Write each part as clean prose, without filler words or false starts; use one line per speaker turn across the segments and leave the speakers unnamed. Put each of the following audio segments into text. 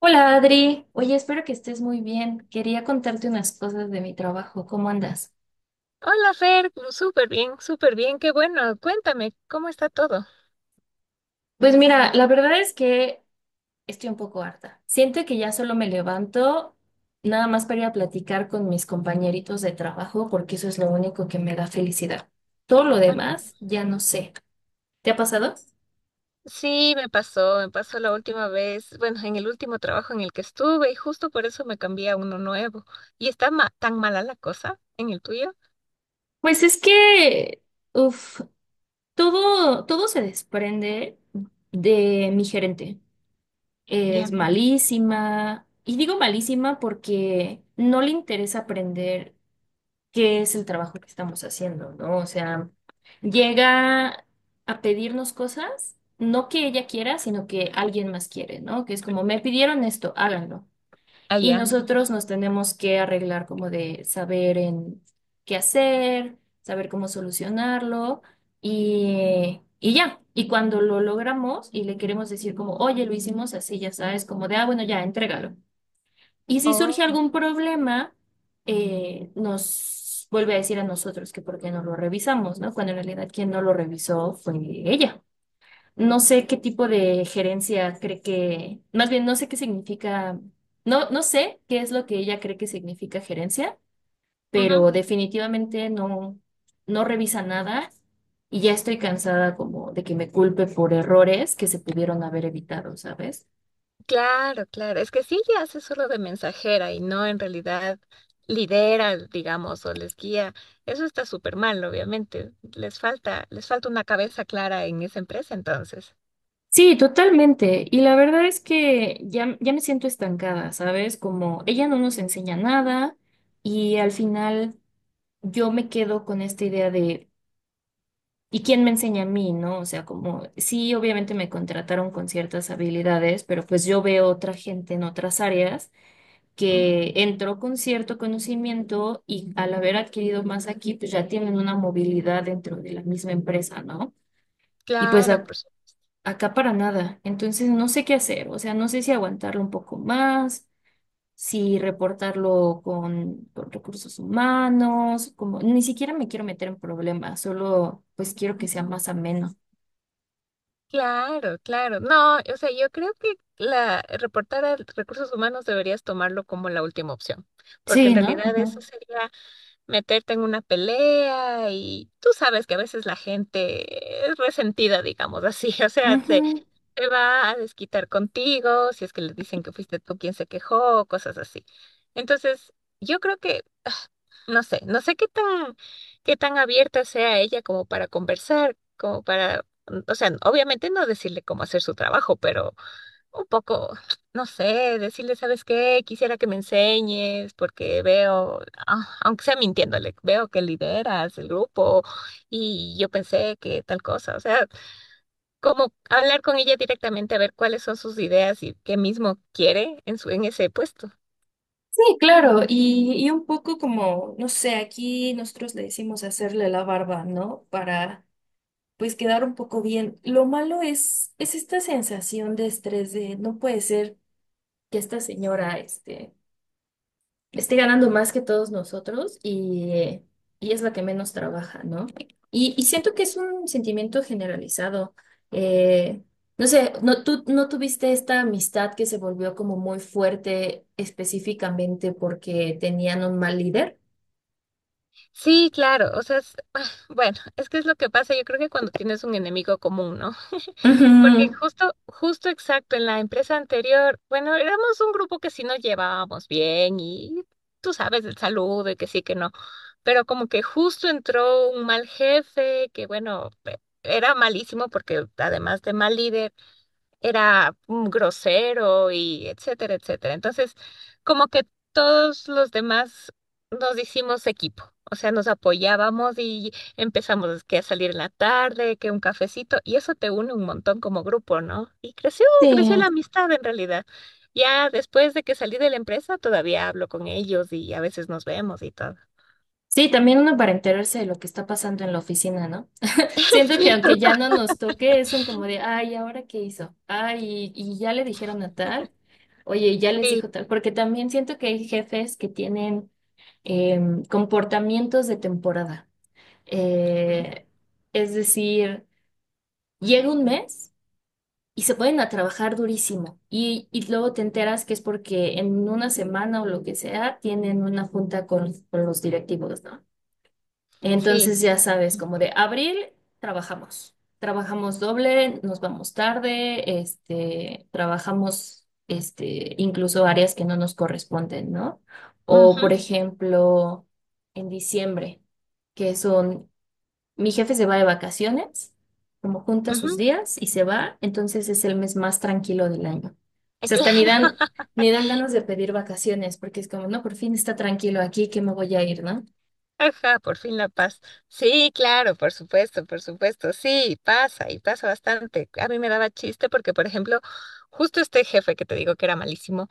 Hola Adri, oye, espero que estés muy bien. Quería contarte unas cosas de mi trabajo. ¿Cómo andas?
Hola Fer, súper bien, qué bueno. Cuéntame, ¿cómo está todo?
Pues mira, la verdad es que estoy un poco harta. Siento que ya solo me levanto nada más para ir a platicar con mis compañeritos de trabajo porque eso es lo único que me da felicidad. Todo lo
Ah, no.
demás ya no sé. ¿Te ha pasado?
Sí, me pasó la última vez, bueno, en el último trabajo en el que estuve y justo por eso me cambié a uno nuevo. ¿Y está tan mala la cosa en el tuyo?
Pues es que, uff, todo se desprende de mi gerente. Es
Ya,
malísima. Y digo malísima porque no le interesa aprender qué es el trabajo que estamos haciendo, ¿no? O sea, llega a pedirnos cosas, no que ella quiera, sino que alguien más quiere, ¿no? Que es como, me pidieron esto, háganlo. Y
allá.
nosotros nos tenemos que arreglar como de saber en qué hacer, saber cómo solucionarlo y ya. Y cuando lo logramos y le queremos decir como, oye, lo hicimos así, ya sabes, como de, ah, bueno, ya, entrégalo. Y si surge
Oh,
algún problema, nos vuelve a decir a nosotros que por qué no lo revisamos, ¿no? Cuando en realidad quien no lo revisó fue ella. No sé qué tipo de gerencia cree que, más bien no sé qué significa, no sé qué es lo que ella cree que significa gerencia,
ujú.
pero definitivamente no, no revisa nada y ya estoy cansada como de que me culpe por errores que se pudieron haber evitado, ¿sabes?
Claro, claro. Es que sí, ya hace solo de mensajera y no en realidad lidera, digamos, o les guía. Eso está súper mal, obviamente. Les falta una cabeza clara en esa empresa entonces.
Sí, totalmente. Y la verdad es que ya me siento estancada, ¿sabes? Como ella no nos enseña nada y al final yo me quedo con esta idea de ¿y quién me enseña a mí, no? O sea, como, sí, obviamente me contrataron con ciertas habilidades, pero pues yo veo otra gente en otras áreas que entró con cierto conocimiento y al haber adquirido más aquí, pues ya tienen una movilidad dentro de la misma empresa, ¿no? Y pues
Claro, por supuesto.
acá para nada. Entonces no sé qué hacer, o sea, no sé si aguantarlo un poco más, si reportarlo con recursos humanos, como, ni siquiera me quiero meter en problemas, solo pues quiero que sea
Ujú.
más ameno.
Claro, claro. No, o sea, yo creo que la reportar a recursos humanos deberías tomarlo como la última opción, porque en
Sí, ¿no?
realidad eso
Ujú.
sería meterte en una pelea y tú sabes que a veces la gente es resentida, digamos así, o sea, te,
Ujú.
te va a desquitar contigo si es que le dicen que fuiste tú quien se quejó, cosas así. Entonces, yo creo que no sé, no sé qué tan abierta sea ella como para conversar, como para, o sea, obviamente no decirle cómo hacer su trabajo, pero un poco, no sé, decirle, ¿sabes qué? Quisiera que me enseñes porque veo, aunque sea mintiéndole, veo que lideras el grupo y yo pensé que tal cosa, o sea, como hablar con ella directamente a ver cuáles son sus ideas y qué mismo quiere en su, en ese puesto.
Sí, claro, y un poco como, no sé, aquí nosotros le decimos hacerle la barba, ¿no? Para pues quedar un poco bien. Lo malo es esta sensación de estrés de no puede ser que esta señora, este, esté ganando más que todos nosotros y y es la que menos trabaja, ¿no? Y siento que es un sentimiento generalizado. Eh, no sé, no, tú no tuviste esta amistad que se volvió como muy fuerte específicamente porque tenían un mal líder.
Sí, claro, o sea, bueno, es que es lo que pasa, yo creo que cuando tienes un enemigo común, ¿no? Porque
Ujú.
justo, justo exacto, en la empresa anterior, bueno, éramos un grupo que sí nos llevábamos bien y tú sabes el saludo y que sí, que no, pero como que justo entró un mal jefe que, bueno, era malísimo porque además de mal líder, era grosero y etcétera, etcétera. Entonces, como que todos los demás nos hicimos equipo, o sea, nos apoyábamos y empezamos que a salir en la tarde, que un cafecito, y eso te une un montón como grupo, ¿no? Y creció, creció
Sí.
la amistad en realidad. Ya después de que salí de la empresa, todavía hablo con ellos y a veces nos vemos y todo.
Sí, también uno para enterarse de lo que está pasando en la oficina, ¿no? Siento que aunque ya no nos toque, es un como de, ay, ¿ahora qué hizo? Ay, y ya le dijeron a tal, oye, y ya les
Sí,
dijo tal, porque también siento que hay jefes que tienen comportamientos de temporada. Eh, es decir, llega un mes y se ponen a trabajar durísimo y luego te enteras que es porque en una semana o lo que sea tienen una junta con los directivos, ¿no?
sí,
Entonces ya sabes, como de
sí.
abril trabajamos, trabajamos doble, nos vamos tarde, este, trabajamos este, incluso áreas que no nos corresponden, ¿no? O por
Ujú,
ejemplo, en diciembre, que son, mi jefe se va de vacaciones, como junta sus
ujú,
días y se va, entonces es el mes más tranquilo del año. O sea, hasta ni
Claro.
dan, ni dan ganas de pedir vacaciones, porque es como, no, por fin está tranquilo aquí, que me voy a ir, ¿no?
Ajá, por fin la paz. Sí, claro, por supuesto, por supuesto. Sí, pasa y pasa bastante. A mí me daba chiste porque, por ejemplo, justo este jefe que te digo que era malísimo,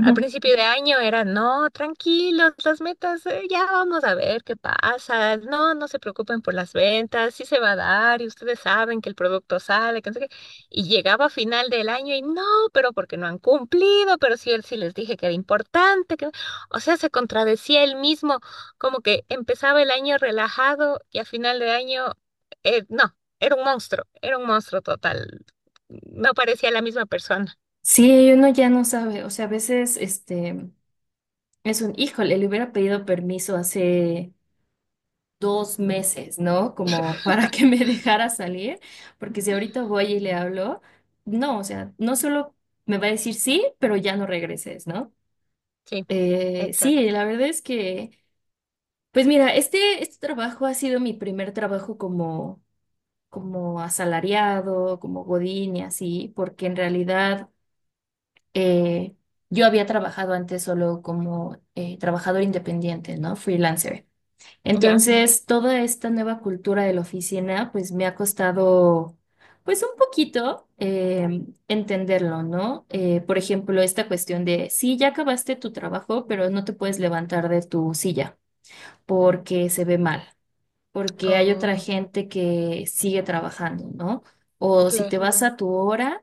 al principio de año era, no, tranquilos, las metas, ya vamos a ver qué pasa. No, no se preocupen por las ventas, sí se va a dar y ustedes saben que el producto sale, que no sé qué. Y llegaba a final del año y no, pero porque no han cumplido, pero sí, él sí les dije que era importante, que... O sea, se contradecía él mismo como que empezaba el año relajado y a final de año, no, era un monstruo total. No parecía la misma persona.
Sí, uno ya no sabe, o sea, a veces este es un, híjole, le hubiera pedido permiso hace dos meses, ¿no? Como para que me dejara salir, porque si ahorita voy y le hablo, no, o sea, no solo me va a decir sí, pero ya no regreses, ¿no?
Sí,
Sí,
exacto.
la verdad es que, pues mira, este trabajo ha sido mi primer trabajo como, como asalariado, como godín y así, porque en realidad eh, yo había trabajado antes solo como trabajador independiente, ¿no? Freelancer.
Ya.
Entonces, toda esta nueva cultura de la oficina, pues me ha costado, pues un poquito entenderlo, ¿no? Por ejemplo, esta cuestión de, sí, ya acabaste tu trabajo, pero no te puedes levantar de tu silla porque se ve mal porque hay otra
Oh,
gente que sigue trabajando, ¿no? O si te
claro.
vas a tu hora,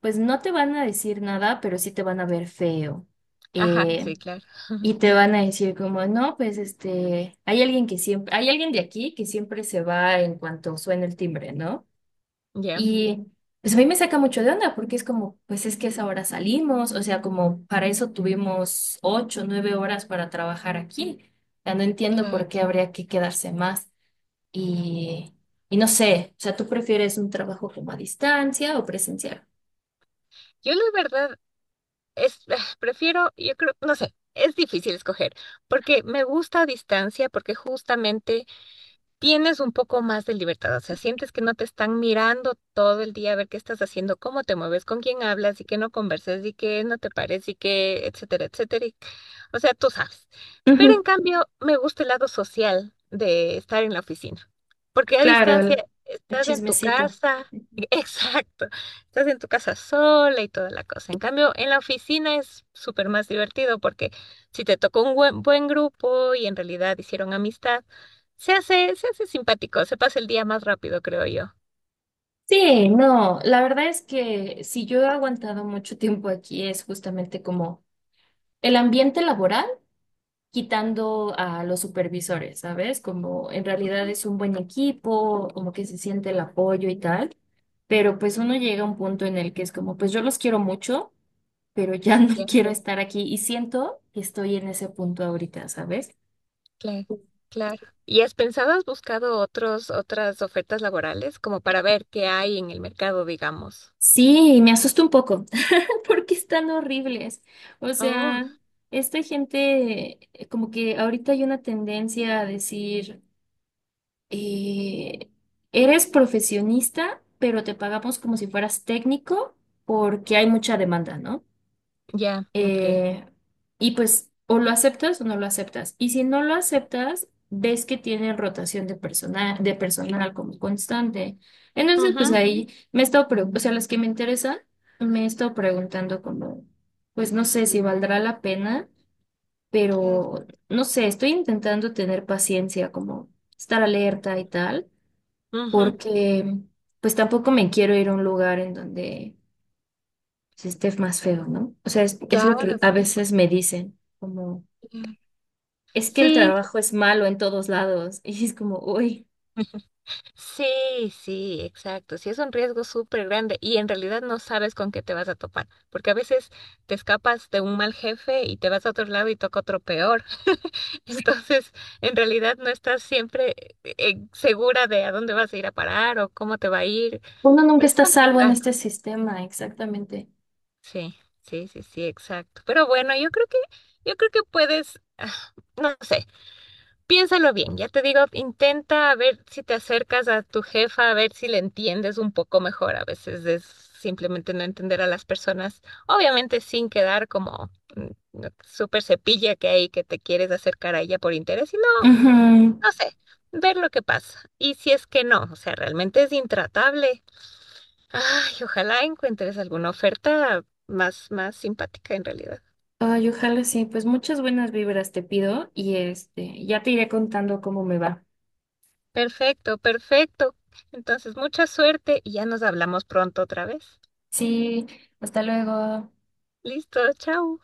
pues no te van a decir nada, pero sí te van a ver feo.
Ajá,
Eh,
sí, claro.
y te van a decir como, no, pues este, hay alguien que siempre, hay alguien de aquí que siempre se va en cuanto suena el timbre, ¿no?
Ya,
Y pues a mí me saca mucho de onda porque es como, pues es que a esa hora salimos, o sea, como para eso tuvimos ocho, nueve horas para trabajar aquí. O sea, no entiendo
claro.
por qué habría que quedarse más. Y, y no sé, o sea, ¿tú prefieres un trabajo como a distancia o presencial?
Yo la verdad es, prefiero, yo creo, no sé, es difícil escoger, porque me gusta a distancia, porque justamente tienes un poco más de libertad, o sea, sientes que no te están mirando todo el día a ver qué estás haciendo, cómo te mueves, con quién hablas y que no converses, y que no te pares y que, etcétera, etcétera. O sea, tú sabes. Pero
Ujú,
en cambio, me gusta el lado social de estar en la oficina, porque a
claro,
distancia
el
estás en tu
chismecito.
casa, exacto, estás en tu casa sola y toda la cosa. En cambio, en la oficina es súper más divertido porque si te tocó un buen, buen grupo y en realidad hicieron amistad, se hace simpático, se pasa el día más rápido, creo yo.
Sí, no, la verdad es que si yo he aguantado mucho tiempo aquí es justamente como el ambiente laboral, quitando a los supervisores, ¿sabes? Como en
Ajá.
realidad es un buen equipo, como que se siente el apoyo y tal, pero pues uno llega a un punto en el que es como, pues yo los quiero mucho, pero ya no
Ya,
quiero estar aquí y siento que estoy en ese punto ahorita, ¿sabes?
claro, claro. ¿Y has pensado, has buscado otros, otras ofertas laborales como para ver qué hay en el mercado, digamos?
Sí, me asusta un poco porque están horribles. O
Oh,
sea, esta gente, como que ahorita hay una tendencia a decir, eh, eres profesionista, pero te pagamos como si fueras técnico porque hay mucha demanda, ¿no?
ya, ok.
Eh, y pues o lo aceptas o no lo aceptas. Y si no lo aceptas, ves que tiene rotación de personal como constante. Entonces, pues
Ujú,
ahí me he estado, o sea, las que me interesan, me he estado preguntando como, pues no sé si valdrá la pena,
claro,
pero no sé, estoy intentando tener paciencia, como estar alerta y tal,
ujú,
porque pues tampoco me quiero ir a un lugar en donde si esté más feo, ¿no? O sea, es lo que
claro,
a
por supuesto.
veces me dicen, como,
Ya.
es que el
Sí,
trabajo es malo en todos lados. Y es como, uy,
sí, sí, sí, exacto. Sí, es un riesgo súper grande y en realidad no sabes con qué te vas a topar, porque a veces te escapas de un mal jefe y te vas a otro lado y toca otro peor. Entonces, en realidad no estás siempre segura de a dónde vas a ir a parar o cómo te va a ir.
uno nunca
Es
está a salvo en
complicado.
este sistema, exactamente.
Sí, sí, sí, sí, exacto. Pero bueno, yo creo que puedes, no sé, piénsalo bien. Ya te digo, intenta ver si te acercas a tu jefa, a ver si le entiendes un poco mejor. A veces es simplemente no entender a las personas, obviamente sin quedar como mm, súper cepilla que hay que te quieres acercar a ella por interés, sino
Ujú.
no sé, ver lo que pasa. Y si es que no, o sea, realmente es intratable. Ay, ojalá encuentres alguna oferta más, más simpática en realidad.
Ay, ojalá sí, pues muchas buenas vibras te pido y este, ya te iré contando cómo me va.
Perfecto, perfecto. Entonces, mucha suerte y ya nos hablamos pronto otra vez.
Sí, hasta luego.
Listo, chao.